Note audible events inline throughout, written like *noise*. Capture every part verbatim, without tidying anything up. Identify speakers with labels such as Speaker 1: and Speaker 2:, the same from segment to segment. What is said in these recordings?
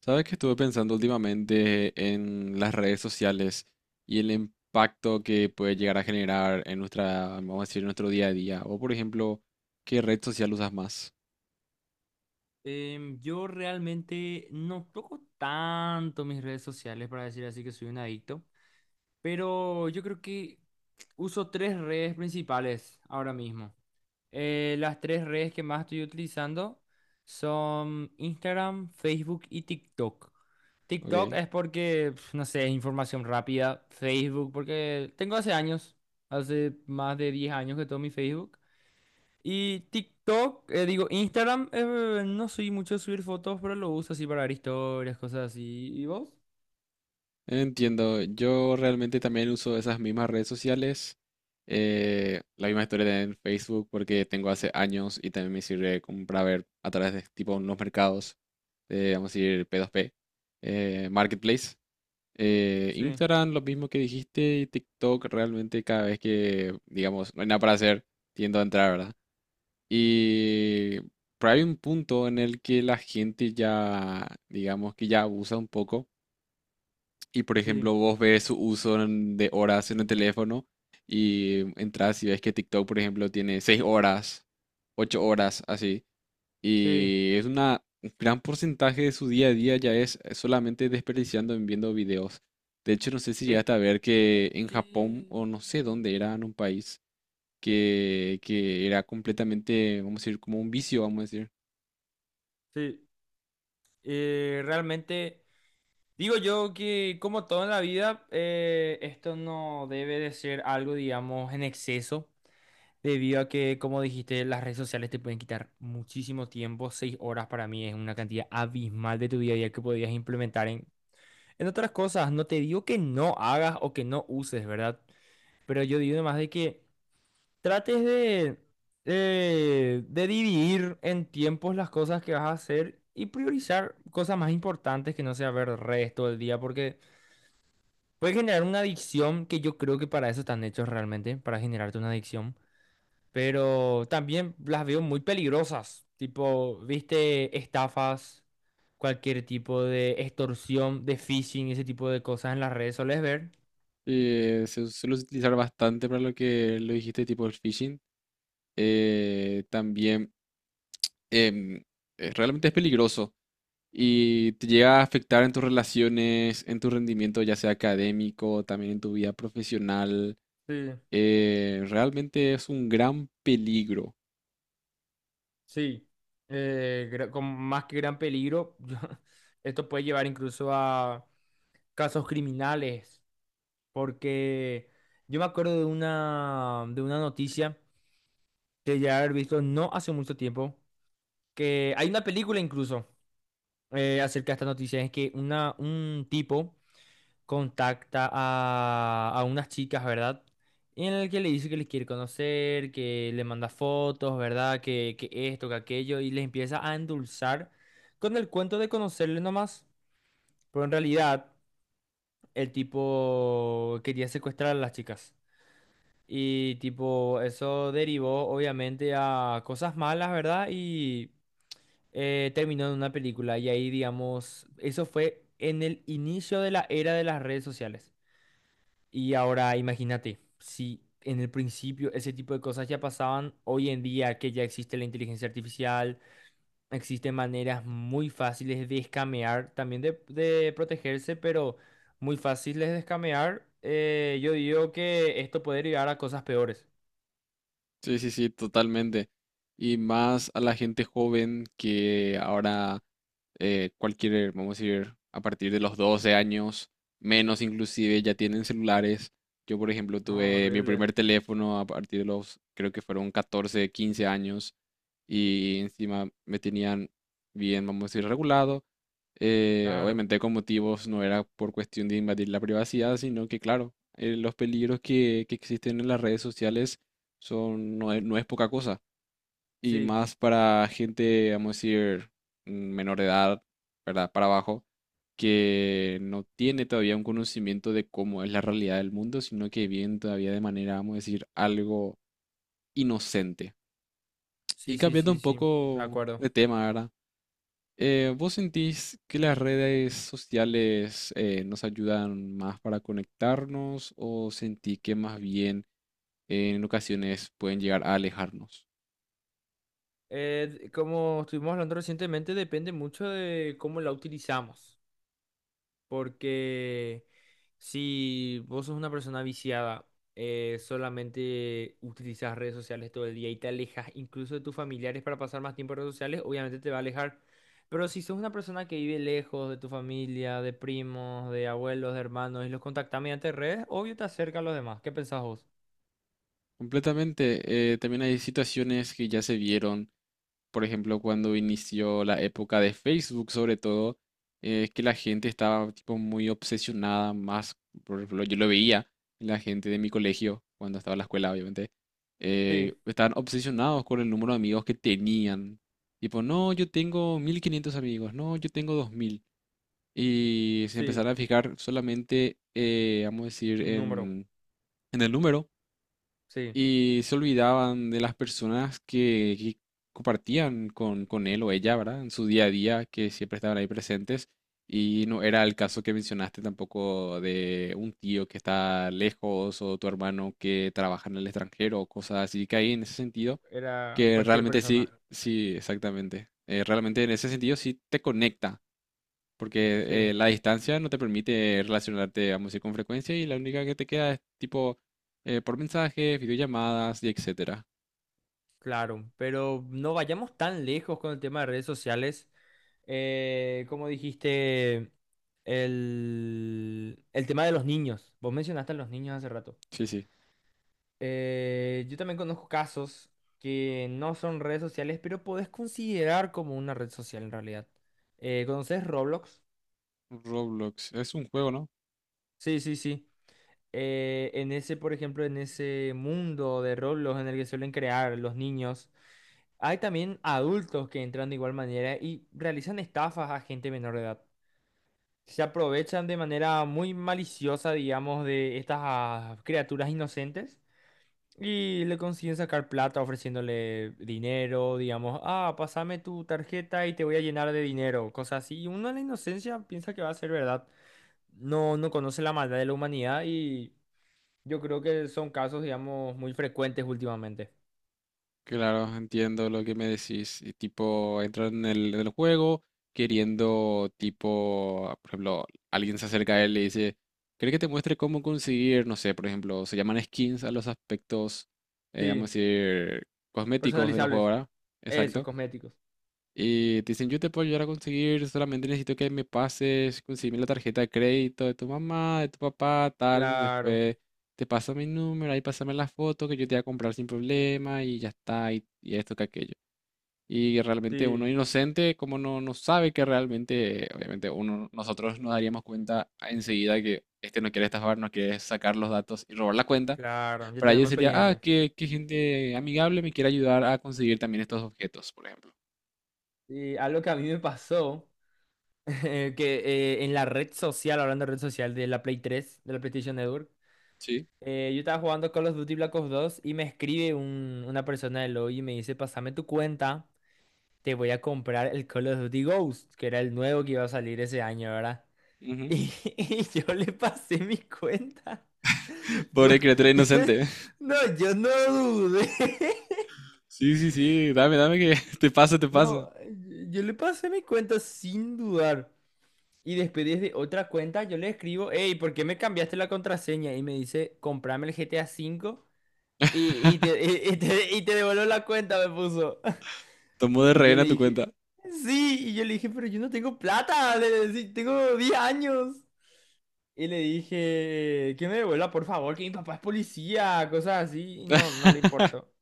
Speaker 1: Sabes que estuve pensando últimamente en las redes sociales y el impacto que puede llegar a generar en nuestra, vamos a decir, nuestro día a día. O por ejemplo, ¿qué red social usas más?
Speaker 2: Em, yo realmente no toco tanto mis redes sociales para decir así que soy un adicto, pero yo creo que uso tres redes principales ahora mismo. Eh, las tres redes que más estoy utilizando son Instagram, Facebook y TikTok. TikTok
Speaker 1: Ok.
Speaker 2: es porque, pf, no sé, es información rápida. Facebook, porque tengo hace años, hace más de diez años que tomo mi Facebook. Y TikTok, eh, digo, Instagram, eh, no soy mucho de subir fotos, pero lo uso así para ver historias, cosas así. ¿Y vos?
Speaker 1: Entiendo. Yo realmente también uso esas mismas redes sociales. Eh, la misma historia en Facebook porque tengo hace años y también me sirve como para ver a través de tipo unos mercados, eh, vamos a decir P dos P, eh, Marketplace. Eh,
Speaker 2: Sí,
Speaker 1: Instagram, lo mismo que dijiste, y TikTok, realmente cada vez que, digamos, no hay nada para hacer, tiendo a entrar, ¿verdad? Y pero hay un punto en el que la gente ya, digamos, que ya abusa un poco. Y por
Speaker 2: sí,
Speaker 1: ejemplo, vos ves su uso en- de horas en el teléfono y entras y ves que TikTok, por ejemplo, tiene seis horas, ocho horas, así.
Speaker 2: sí.
Speaker 1: Y es una un gran porcentaje de su día a día ya es solamente desperdiciando en viendo videos. De hecho, no sé si
Speaker 2: Es
Speaker 1: llegaste a ver que en
Speaker 2: que...
Speaker 1: Japón o no sé dónde era, en un país que, que era completamente, vamos a decir, como un vicio, vamos a decir.
Speaker 2: Sí, eh, realmente digo yo que como todo en la vida, eh, esto no debe de ser algo, digamos, en exceso, debido a que, como dijiste, las redes sociales te pueden quitar muchísimo tiempo. Seis horas para mí es una cantidad abismal de tu día a día que podrías implementar en En otras cosas, no te digo que no hagas o que no uses, ¿verdad? Pero yo digo más de que trates de, eh, de dividir en tiempos las cosas que vas a hacer y priorizar cosas más importantes que no sea ver redes todo el día, porque puede generar una adicción que yo creo que para eso están hechos realmente, para generarte una adicción. Pero también las veo muy peligrosas, tipo, viste, estafas, cualquier tipo de extorsión, de phishing, ese tipo de cosas en las redes, ¿solés ver?
Speaker 1: Eh, se suele utilizar bastante para lo que lo dijiste, tipo el phishing. Eh, también em, eh, realmente es peligroso y te llega a afectar en tus relaciones, en tu rendimiento, ya sea académico, también en tu vida profesional.
Speaker 2: Sí,
Speaker 1: Eh, realmente es un gran peligro.
Speaker 2: sí. Eh, gra- con más que gran peligro, *laughs* esto puede llevar incluso a casos criminales, porque yo me acuerdo de una, de una noticia que ya he visto no hace mucho tiempo, que hay una película incluso eh, acerca de esta noticia, es que una, un tipo contacta a, a unas chicas, ¿verdad? En el que le dice que les quiere conocer, que le manda fotos, ¿verdad? Que, que esto, que aquello, y les empieza a endulzar con el cuento de conocerle nomás. Pero en realidad, el tipo quería secuestrar a las chicas. Y tipo, eso derivó obviamente a cosas malas, ¿verdad? Y eh, terminó en una película. Y ahí, digamos, eso fue en el inicio de la era de las redes sociales. Y ahora imagínate, si en el principio ese tipo de cosas ya pasaban, hoy en día que ya existe la inteligencia artificial, existen maneras muy fáciles de escamear, también de, de protegerse, pero muy fáciles de escamear, eh, yo digo que esto puede llegar a cosas peores.
Speaker 1: Sí, sí, sí, totalmente. Y más a la gente joven que ahora eh, cualquier, vamos a decir, a partir de los doce años, menos inclusive, ya tienen celulares. Yo, por ejemplo,
Speaker 2: No,
Speaker 1: tuve mi
Speaker 2: horrible,
Speaker 1: primer teléfono a partir de los, creo que fueron catorce quince años y encima me tenían bien, vamos a decir, regulado. Eh,
Speaker 2: claro.
Speaker 1: obviamente con motivos, no era por cuestión de invadir la privacidad, sino que, claro, eh, los peligros que, que existen en las redes sociales son, no es, no es poca cosa. Y
Speaker 2: Sí,
Speaker 1: más para gente, vamos a decir, mm, menor de edad, ¿verdad? Para abajo, que no tiene todavía un conocimiento de cómo es la realidad del mundo, sino que viven todavía de manera, vamos a decir, algo inocente. Y
Speaker 2: sí, sí,
Speaker 1: cambiando
Speaker 2: sí,
Speaker 1: un
Speaker 2: sí, de
Speaker 1: poco
Speaker 2: acuerdo.
Speaker 1: de tema, ¿verdad? Eh, ¿vos sentís que las redes sociales eh, nos ayudan más para conectarnos o sentís que más bien en ocasiones pueden llegar a alejarnos?
Speaker 2: Eh, d- como estuvimos hablando recientemente, depende mucho de cómo la utilizamos. Porque si vos sos una persona viciada, eh, solamente utilizas redes sociales todo el día y te alejas incluso de tus familiares para pasar más tiempo en redes sociales, obviamente te va a alejar. Pero si sos una persona que vive lejos de tu familia, de primos, de abuelos, de hermanos y los contactas mediante redes, obvio te acerca a los demás. ¿Qué pensás vos?
Speaker 1: Completamente. Eh, también hay situaciones que ya se vieron, por ejemplo, cuando inició la época de Facebook, sobre todo, eh, que la gente estaba tipo muy obsesionada, más, por ejemplo, yo lo veía en la gente de mi colegio, cuando estaba en la escuela, obviamente, eh,
Speaker 2: Sí,
Speaker 1: estaban obsesionados con el número de amigos que tenían. Tipo, no, yo tengo mil quinientos amigos, no, yo tengo dos mil. Y se
Speaker 2: sí,
Speaker 1: empezaron a fijar solamente, eh, vamos a decir,
Speaker 2: un número.
Speaker 1: en en el número,
Speaker 2: Sí,
Speaker 1: y se olvidaban de las personas que, que compartían con, con él o ella, ¿verdad? En su día a día, que siempre estaban ahí presentes. Y no era el caso que mencionaste tampoco de un tío que está lejos o tu hermano que trabaja en el extranjero o cosas así, que ahí en ese sentido,
Speaker 2: era
Speaker 1: que
Speaker 2: cualquier
Speaker 1: realmente
Speaker 2: persona.
Speaker 1: sí, sí, exactamente. Eh, realmente en ese sentido sí te conecta porque
Speaker 2: Sí.
Speaker 1: eh, la distancia no te permite relacionarte, vamos a decir, con frecuencia y la única que te queda es tipo eh, por mensajes, videollamadas y etcétera.
Speaker 2: Claro, pero no vayamos tan lejos con el tema de redes sociales. Eh, como dijiste, el, el tema de los niños. Vos mencionaste a los niños hace rato.
Speaker 1: Sí, sí.
Speaker 2: Eh, yo también conozco casos que no son redes sociales, pero podés considerar como una red social en realidad. Eh, ¿conoces Roblox?
Speaker 1: Roblox es un juego, ¿no?
Speaker 2: Sí, sí, sí. Eh, en ese, por ejemplo, en ese mundo de Roblox en el que suelen crear los niños, hay también adultos que entran de igual manera y realizan estafas a gente menor de edad. Se aprovechan de manera muy maliciosa, digamos, de estas ah, criaturas inocentes y le consiguen sacar plata ofreciéndole dinero, digamos, ah, pásame tu tarjeta y te voy a llenar de dinero, cosas así. Y uno en la inocencia piensa que va a ser verdad. No, no conoce la maldad de la humanidad y yo creo que son casos, digamos, muy frecuentes últimamente.
Speaker 1: Claro, entiendo lo que me decís. Y tipo, entrar en el, en el juego queriendo, tipo, ah, por ejemplo, alguien se acerca a él y le dice, ¿cree que te muestre cómo conseguir, no sé, por ejemplo, se llaman skins a los aspectos, eh,
Speaker 2: Sí,
Speaker 1: vamos a decir, cosméticos de los juegos,
Speaker 2: personalizables.
Speaker 1: ¿verdad?
Speaker 2: Eso,
Speaker 1: Exacto.
Speaker 2: cosméticos.
Speaker 1: Y te dicen, yo te puedo ayudar a conseguir, solamente necesito que me pases, conseguirme la tarjeta de crédito de tu mamá, de tu papá, tal.
Speaker 2: Claro,
Speaker 1: Después te paso mi número, ahí pásame la foto que yo te voy a comprar sin problema y ya está, y, y esto que aquello. Y realmente uno
Speaker 2: sí,
Speaker 1: inocente, como no, no sabe que realmente, obviamente uno, nosotros nos daríamos cuenta enseguida que este no quiere estafar, no quiere sacar los datos y robar la cuenta.
Speaker 2: claro, ya
Speaker 1: Para ellos
Speaker 2: tenemos
Speaker 1: sería, ah,
Speaker 2: experiencia.
Speaker 1: qué, qué gente amigable me quiere ayudar a conseguir también estos objetos, por ejemplo.
Speaker 2: Y algo que a mí me pasó, *laughs* eh, que eh, en la red social, hablando de red social de la Play tres de la PlayStation Network,
Speaker 1: Sí.
Speaker 2: eh, yo estaba jugando Call of Duty Black Ops dos y me escribe un- una persona del lobby y me dice, pasame tu cuenta, te voy a comprar el Call of Duty Ghost, que era el nuevo que iba a salir ese año, ¿verdad? *laughs*
Speaker 1: Ujú.
Speaker 2: Y, y yo le pasé mi cuenta. Yo,
Speaker 1: Pobre criatura inocente.
Speaker 2: *laughs* no, yo no dudé. *laughs*
Speaker 1: Sí, sí, sí, dame, dame que *laughs* te pasa, te pasa.
Speaker 2: No, yo le pasé mi cuenta sin dudar. Y después desde otra cuenta yo le escribo, hey, ¿por qué me cambiaste la contraseña? Y me dice, comprame el g t a cinco y, y te,
Speaker 1: *laughs*
Speaker 2: *laughs* y- y te, y te devuelvo la cuenta, me puso. *laughs*
Speaker 1: Tomó de
Speaker 2: Y yo
Speaker 1: rehén
Speaker 2: le
Speaker 1: a tu
Speaker 2: dije,
Speaker 1: cuenta.
Speaker 2: sí, y yo le dije, pero yo no tengo plata, le decí, tengo diez años. Y le dije, que me devuelva, por favor, que mi papá es policía, cosas así. Y no, no le
Speaker 1: *laughs*
Speaker 2: importó.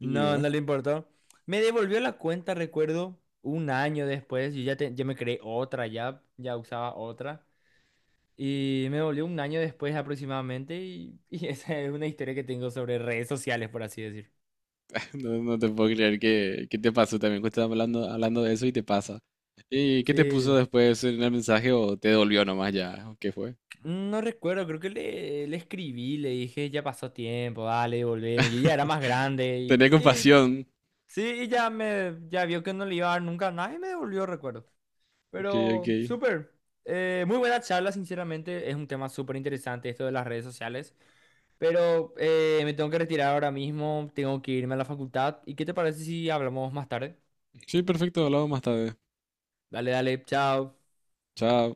Speaker 1: Y bueno,
Speaker 2: no le importó. Me devolvió la cuenta, recuerdo, un año después. Yo ya, te- ya me creé otra, ya, ya usaba otra. Y me devolvió un año después aproximadamente. Y, y *laughs* esa es una historia que tengo sobre redes sociales, por así decir.
Speaker 1: *laughs* no, no te puedo creer que, que te pasó también, que estás hablando, hablando de eso y te pasa. ¿Y qué te puso
Speaker 2: Sí,
Speaker 1: después en el mensaje o te dolió nomás ya? ¿O ¿Qué fue?
Speaker 2: no recuerdo, creo que le, le escribí, le dije, ya pasó tiempo, dale, devolveme. Yo ya era más
Speaker 1: *laughs*
Speaker 2: grande y,
Speaker 1: Tené
Speaker 2: y
Speaker 1: compasión.
Speaker 2: sí, y ya me ya vio que no le iba a dar nunca nada y me devolvió, recuerdo.
Speaker 1: Ok, ok.
Speaker 2: Pero, súper. Eh, muy buena charla, sinceramente. Es un tema súper interesante esto de las redes sociales. Pero eh, me tengo que retirar ahora mismo. Tengo que irme a la facultad. ¿Y qué te parece si hablamos más tarde?
Speaker 1: Sí, perfecto, hablamos más tarde.
Speaker 2: Dale, dale. Chao.
Speaker 1: Chao.